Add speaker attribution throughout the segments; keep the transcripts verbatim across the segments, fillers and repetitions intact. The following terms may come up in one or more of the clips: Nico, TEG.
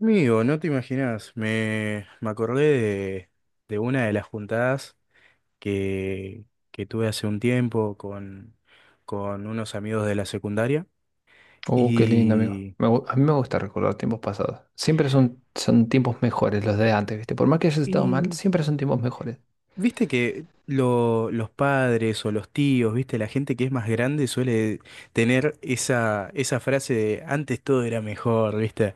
Speaker 1: Amigo, no te imaginas, me, me acordé de, de una de las juntadas que, que tuve hace un tiempo con, con unos amigos de la secundaria
Speaker 2: Oh, qué lindo, amigo.
Speaker 1: y,
Speaker 2: Me gu- a mí me gusta recordar tiempos pasados. Siempre son, son tiempos mejores los de antes, ¿viste? Por más que hayas estado mal,
Speaker 1: y
Speaker 2: siempre son tiempos mejores.
Speaker 1: viste que lo- los padres o los tíos, viste, la gente que es más grande suele tener esa, esa frase de antes todo era mejor, viste.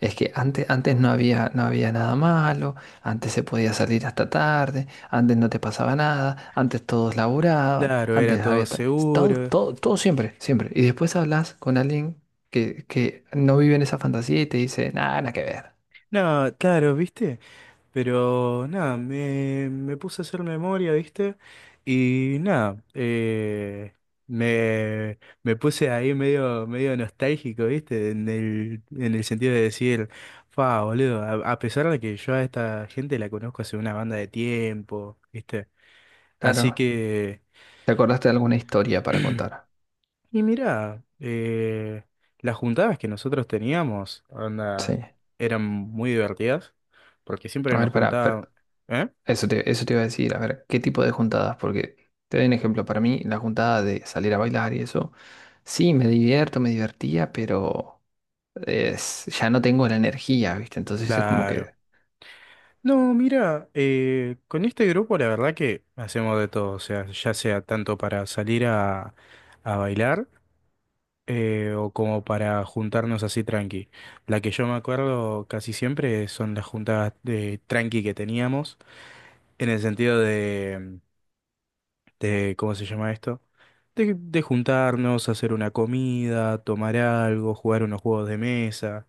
Speaker 2: Es que antes, antes no había, no había nada malo, antes se podía salir hasta tarde, antes no te pasaba nada, antes todos laburaban,
Speaker 1: Claro, era
Speaker 2: antes
Speaker 1: todo
Speaker 2: había tra- todo,
Speaker 1: seguro.
Speaker 2: todo, todo siempre, siempre. Y después hablas con alguien que, que no vive en esa fantasía y te dice, nada, nada que ver.
Speaker 1: No, claro, viste. Pero nada, me, me puse a hacer memoria, ¿viste? Y nada, eh, me, me puse ahí medio, medio nostálgico, ¿viste? En el, en el sentido de decir, fa, boludo, a, a pesar de que yo a esta gente la conozco hace una banda de tiempo, ¿viste? Así
Speaker 2: Claro,
Speaker 1: que,
Speaker 2: ¿te acordaste de alguna historia para contar?
Speaker 1: y mirá, eh, las juntadas que nosotros teníamos,
Speaker 2: Sí.
Speaker 1: onda, eran muy divertidas, porque siempre
Speaker 2: A
Speaker 1: nos
Speaker 2: ver, pará.
Speaker 1: juntaban, ¿eh?
Speaker 2: Eso te, eso te iba a decir, a ver, ¿qué tipo de juntadas? Porque te doy un ejemplo, para mí la juntada de salir a bailar y eso, sí, me divierto, me divertía, pero es- ya no tengo la energía, ¿viste? Entonces es como
Speaker 1: Claro.
Speaker 2: que
Speaker 1: No, mira, eh, con este grupo la verdad que hacemos de todo, o sea, ya sea tanto para salir a, a bailar eh, o como para juntarnos así tranqui. La que yo me acuerdo casi siempre son las juntadas de tranqui que teníamos, en el sentido de, de ¿cómo se llama esto? De, de juntarnos, hacer una comida, tomar algo, jugar unos juegos de mesa,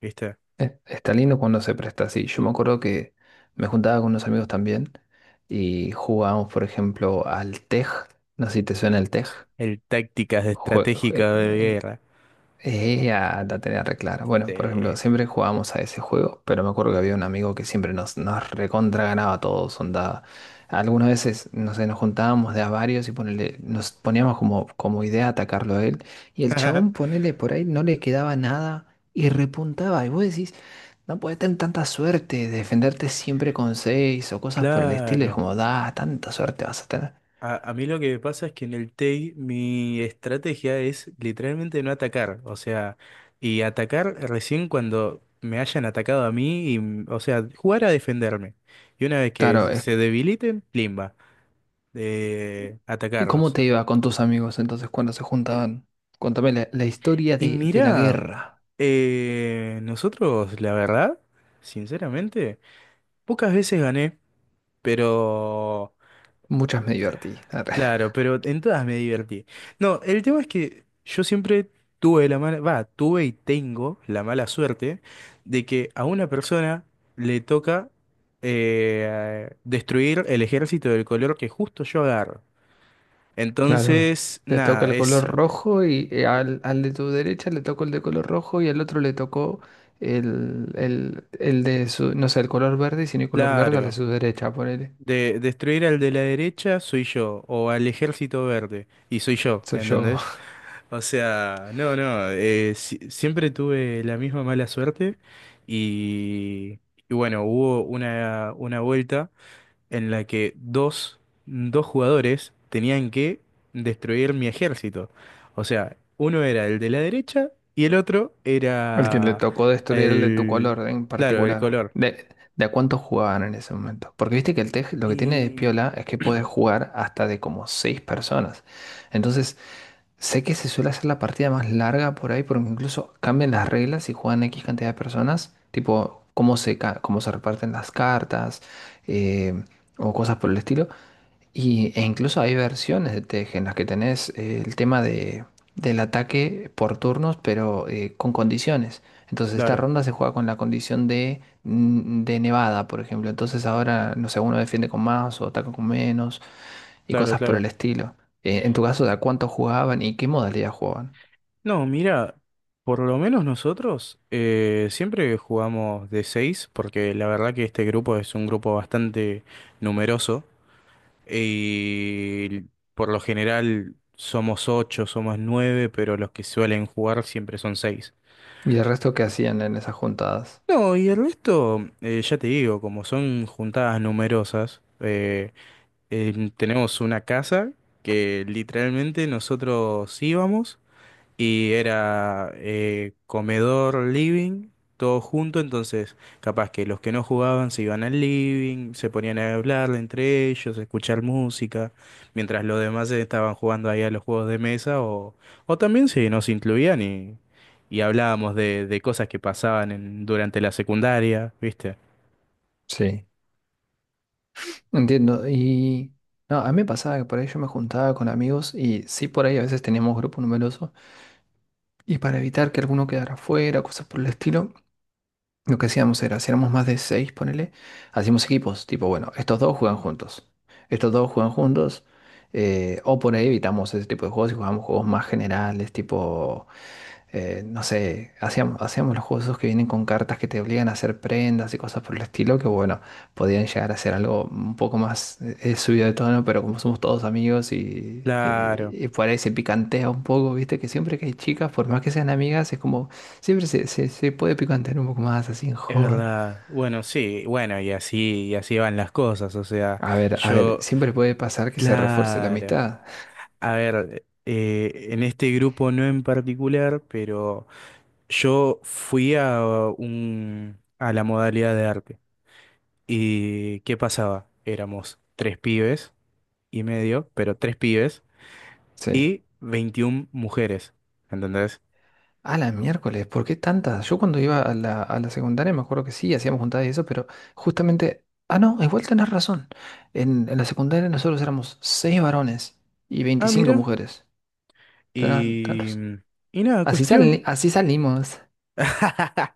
Speaker 1: ¿viste?
Speaker 2: eh, está lindo cuando se presta así. Yo me acuerdo que me juntaba con unos amigos también y jugábamos, por ejemplo, al tej, no sé si te suena el tej.
Speaker 1: El tácticas de estratégica de guerra.
Speaker 2: Eh, ah, la tenía re clara. Bueno, por ejemplo,
Speaker 1: Sí.
Speaker 2: siempre jugábamos a ese juego, pero me acuerdo que había un amigo que siempre nos, nos recontra ganaba a todos, onda. Algunas veces, no sé, nos juntábamos de a varios y ponele, nos poníamos como, como idea atacarlo a él. Y el chabón, ponele por ahí, no le quedaba nada y repuntaba. Y vos decís, no puedes tener tanta suerte, defenderte siempre con seis o cosas por el estilo. Es
Speaker 1: Claro.
Speaker 2: como, da, tanta suerte vas a tener.
Speaker 1: A, a mí lo que me pasa es que en el T E I mi estrategia es literalmente no atacar, o sea, y atacar recién cuando me hayan atacado a mí, y, mm, o sea, jugar a defenderme. Y una vez que
Speaker 2: Claro, es
Speaker 1: se debiliten, limba, eh,
Speaker 2: ¿y cómo
Speaker 1: atacarlos.
Speaker 2: te iba con tus amigos entonces cuando se juntaban? Cuéntame la, la historia
Speaker 1: Y
Speaker 2: de, de la
Speaker 1: mira,
Speaker 2: guerra.
Speaker 1: eh, nosotros, la verdad, sinceramente, pocas veces gané, pero...
Speaker 2: Muchas me divertí.
Speaker 1: Claro, pero en todas me divertí. No, el tema es que yo siempre tuve la mala, va, tuve y tengo la mala suerte de que a una persona le toca eh, destruir el ejército del color que justo yo agarro.
Speaker 2: Claro,
Speaker 1: Entonces,
Speaker 2: te toca
Speaker 1: nada,
Speaker 2: el color
Speaker 1: es
Speaker 2: rojo y eh, al, al de tu derecha le tocó el de color rojo y al otro le tocó el, el, el de su, no sé, el color verde, sino el color verde al de
Speaker 1: claro.
Speaker 2: su derecha, ponele.
Speaker 1: De destruir al de la derecha soy yo, o al ejército verde, y soy yo,
Speaker 2: Soy yo.
Speaker 1: ¿entendés? O sea, no, no, eh, si- siempre tuve la misma mala suerte y, y bueno, hubo una, una vuelta en la que dos, dos jugadores tenían que destruir mi ejército. O sea, uno era el de la derecha y el otro
Speaker 2: El que le
Speaker 1: era
Speaker 2: tocó destruir le tocó al
Speaker 1: el,
Speaker 2: orden en
Speaker 1: claro, el
Speaker 2: particular.
Speaker 1: color.
Speaker 2: ¿De, de a cuánto jugaban en ese momento? Porque viste que el T E G lo que tiene de
Speaker 1: Y
Speaker 2: piola es que puede jugar hasta de como seis personas. Entonces, sé que se suele hacer la partida más larga por ahí, porque incluso cambian las reglas y juegan X cantidad de personas, tipo cómo se, ca- cómo se reparten las cartas, eh, o cosas por el estilo. Y, e incluso hay versiones de T E G en las que tenés eh, el tema de, del ataque por turnos, pero eh, con condiciones. Entonces esta
Speaker 1: claro,
Speaker 2: ronda se juega con la condición de, mm, de nevada, por ejemplo. Entonces ahora, no sé, uno defiende con más o ataca con menos y
Speaker 1: claro,
Speaker 2: cosas por el
Speaker 1: claro.
Speaker 2: estilo. Eh, en tu caso, ¿de a cuánto jugaban y qué modalidad jugaban?
Speaker 1: No, mira, por lo menos nosotros eh, siempre jugamos de seis, porque la verdad que este grupo es un grupo bastante numeroso y por lo general somos ocho, somos nueve, pero los que suelen jugar siempre son seis.
Speaker 2: Y el resto que hacían en esas juntadas.
Speaker 1: No, y el resto, eh, ya te digo, como son juntadas numerosas, eh, em, tenemos una casa que literalmente nosotros íbamos. Y era eh, comedor, living, todo junto, entonces capaz que los que no jugaban se iban al living, se ponían a hablar entre ellos, a escuchar música, mientras los demás estaban jugando ahí a los juegos de mesa o, o también si nos incluían y, y hablábamos de, de cosas que pasaban en- durante la secundaria, ¿viste?
Speaker 2: Sí. Entiendo, y no, a mí me pasaba que por ahí yo me juntaba con amigos y sí por ahí a veces teníamos grupos numerosos. Y para evitar que alguno quedara fuera, cosas por el estilo, lo que hacíamos era, si éramos más de seis, ponele, hacíamos equipos, tipo, bueno, estos dos juegan juntos, estos dos juegan juntos, eh, o por ahí evitamos ese tipo de juegos y jugamos juegos más generales, tipo eh, no sé, hacíamos, hacíamos los juegos esos que vienen con cartas que te obligan a hacer prendas y cosas por el estilo, que bueno, podían llegar a ser algo un poco más eh, eh, subido de tono, pero como somos todos amigos y, eh,
Speaker 1: Claro,
Speaker 2: y por ahí se picantea un poco, viste, que siempre que hay chicas, por más que sean amigas, es como, siempre se, se, se puede picantear un poco más, así en
Speaker 1: es
Speaker 2: joda.
Speaker 1: verdad. Bueno, sí, bueno, y así, y así van las cosas, o sea,
Speaker 2: A ver, a ver,
Speaker 1: yo,
Speaker 2: siempre puede pasar que se refuerce la
Speaker 1: claro.
Speaker 2: amistad.
Speaker 1: A ver, eh, en este grupo no en particular, pero yo fui a un, a la modalidad de arte. ¿Y qué pasaba? Éramos tres pibes y medio, pero tres pibes
Speaker 2: Sí.
Speaker 1: y veintiuna mujeres. ¿Entendés?
Speaker 2: A la miércoles, ¿por qué tantas? Yo cuando iba a la, a la secundaria me acuerdo que sí, hacíamos juntadas y eso, pero justamente, ah, no, igual tenés razón. En, en la secundaria nosotros éramos seis varones y
Speaker 1: Ah,
Speaker 2: veinticinco
Speaker 1: mira.
Speaker 2: mujeres. Tenés- tenés
Speaker 1: Y,
Speaker 2: razón.
Speaker 1: y nada,
Speaker 2: Así sali-
Speaker 1: cuestión.
Speaker 2: así salimos.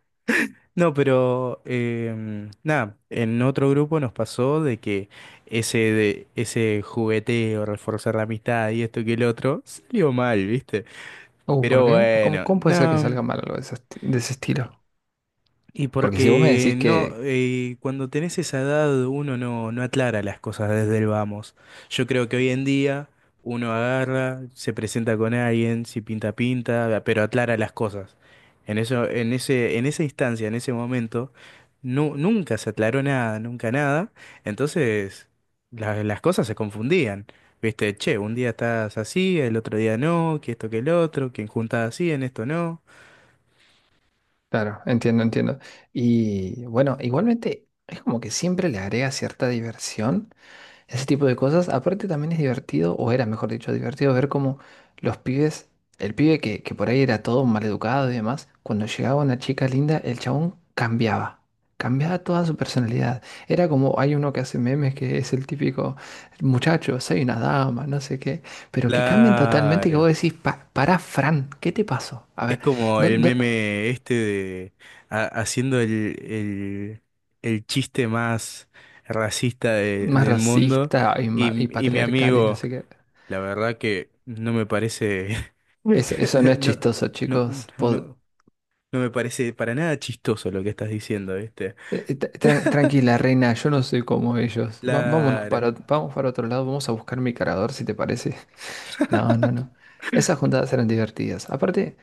Speaker 1: No, pero em, nada, en otro grupo nos pasó de que ese, de, ese jugueteo, reforzar la amistad y esto que el otro, salió mal, ¿viste?
Speaker 2: Uh, ¿por
Speaker 1: Pero
Speaker 2: qué? ¿Por ¿cómo,
Speaker 1: bueno,
Speaker 2: cómo puede ser que
Speaker 1: no.
Speaker 2: salga mal algo de ese, esti- de ese estilo?
Speaker 1: Y
Speaker 2: Porque si vos me
Speaker 1: porque
Speaker 2: decís
Speaker 1: no,
Speaker 2: que,
Speaker 1: eh, cuando tenés esa edad uno no, no aclara las cosas desde el vamos. Yo creo que hoy en día uno agarra, se presenta con alguien, si pinta, pinta, pero aclara las cosas. En eso, en ese, en esa instancia, en ese momento, nu- nunca se aclaró nada, nunca nada. Entonces, la- las cosas se confundían. Viste, che, un día estás así, el otro día no, que esto que el otro, que en juntada así, en esto no.
Speaker 2: claro, entiendo, entiendo. Y bueno, igualmente es como que siempre le agrega cierta diversión ese tipo de cosas. Aparte también es divertido, o era mejor dicho, divertido ver cómo los pibes, el pibe que, que por ahí era todo maleducado y demás, cuando llegaba una chica linda, el chabón cambiaba. Cambiaba toda su personalidad. Era como, hay uno que hace memes que es el típico muchacho, soy una dama, no sé qué, pero que cambian totalmente que vos
Speaker 1: Claro.
Speaker 2: decís, para pará, Fran, ¿qué te pasó? A
Speaker 1: Es
Speaker 2: ver,
Speaker 1: como
Speaker 2: no-
Speaker 1: el
Speaker 2: no-
Speaker 1: meme este de ha- haciendo el, el, el chiste más racista de-
Speaker 2: más
Speaker 1: del mundo
Speaker 2: racista y, ma-
Speaker 1: y,
Speaker 2: y
Speaker 1: y mi
Speaker 2: patriarcal y no
Speaker 1: amigo,
Speaker 2: sé qué.
Speaker 1: la verdad que no me parece,
Speaker 2: Es- eso no es
Speaker 1: no,
Speaker 2: chistoso,
Speaker 1: no,
Speaker 2: chicos. Po-
Speaker 1: no, no me parece para nada chistoso lo que estás diciendo, ¿viste?
Speaker 2: Eh, tra- tran- Tranquila, reina, yo no soy como ellos. Va- vámonos
Speaker 1: Claro,
Speaker 2: para, ot- vamos para otro lado, vamos a buscar mi cargador si te parece. No, no, no. Esas juntadas eran divertidas. Aparte,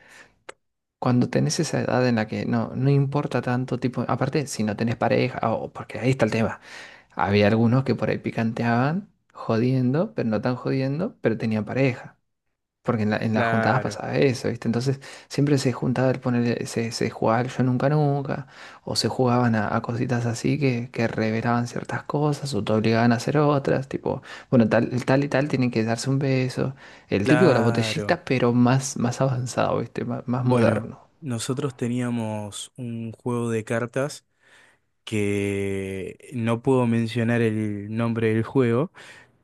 Speaker 2: cuando tenés esa edad en la que no, no importa tanto tipo, aparte, si no tenés pareja, o porque ahí está el tema. Había algunos que por ahí picanteaban, jodiendo, pero no tan jodiendo, pero tenían pareja. Porque en la, en las juntadas
Speaker 1: claro,
Speaker 2: pasaba eso, ¿viste? Entonces siempre se juntaba el poner, se, se jugaba el yo nunca nunca, o se jugaban a, a cositas así que, que revelaban ciertas cosas, o te obligaban a hacer otras, tipo, bueno, tal, el tal y tal tienen que darse un beso, el típico de la
Speaker 1: claro.
Speaker 2: botellita, pero más, más avanzado, ¿viste? Má- más
Speaker 1: Bueno,
Speaker 2: moderno.
Speaker 1: nosotros teníamos un juego de cartas que no puedo mencionar el nombre del juego,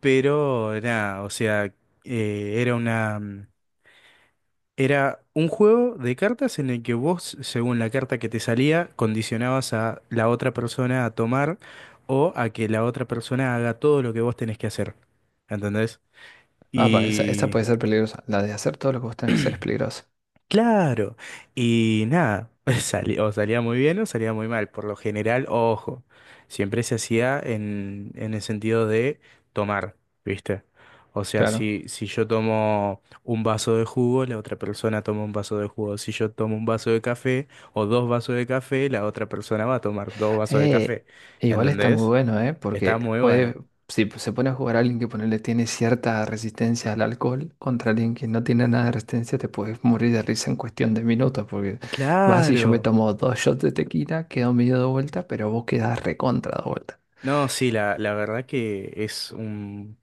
Speaker 1: pero nada, o sea, eh, era una, mm, era un juego de cartas en el que vos, según la carta que te salía, condicionabas a la otra persona a tomar o a que la otra persona haga todo lo que vos tenés que hacer. ¿Entendés?
Speaker 2: Ah, pa, esa, esa
Speaker 1: Y
Speaker 2: puede ser peligrosa, la de hacer todo lo que vos tenés que hacer es peligrosa,
Speaker 1: claro. Y nada, salía, o salía muy bien o salía muy mal. Por lo general, ojo, siempre se hacía en, en el sentido de tomar, ¿viste? O sea,
Speaker 2: claro.
Speaker 1: si, si yo tomo un vaso de jugo, la otra persona toma un vaso de jugo. Si yo tomo un vaso de café o dos vasos de café, la otra persona va a tomar dos vasos de
Speaker 2: Eh,
Speaker 1: café.
Speaker 2: Igual está muy
Speaker 1: ¿Entendés?
Speaker 2: bueno, ¿eh?
Speaker 1: Está
Speaker 2: Porque
Speaker 1: muy bueno.
Speaker 2: puede, si se pone a jugar a alguien que ponerle tiene cierta resistencia al alcohol contra alguien que no tiene nada de resistencia, te puedes morir de risa en cuestión de minutos, porque vas y yo me
Speaker 1: Claro.
Speaker 2: tomo dos shots de tequila, quedo medio de vuelta, pero vos quedás recontra de vuelta.
Speaker 1: No, sí, la, la verdad que es un,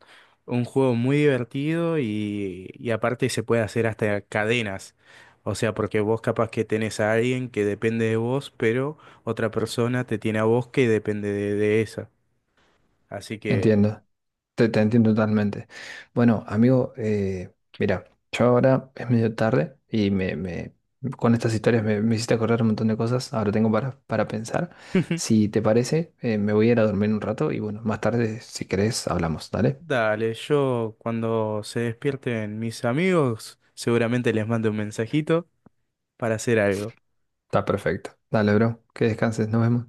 Speaker 1: un juego muy divertido y, y aparte se puede hacer hasta cadenas. O sea, porque vos capaz que tenés a alguien que depende de vos, pero otra persona te tiene a vos que depende de, de esa. Así que,
Speaker 2: Entiendo. Te, te entiendo totalmente. Bueno, amigo, eh, mira, yo ahora es medio tarde y me, me- con estas historias me, me hiciste acordar un montón de cosas. Ahora tengo para, para pensar. Si te parece, eh, me voy a ir a dormir un rato y bueno, más tarde, si querés, hablamos. Dale.
Speaker 1: dale, yo cuando se despierten mis amigos, seguramente les mando un mensajito para hacer algo.
Speaker 2: Está perfecto. Dale, bro. Que descanses. Nos vemos.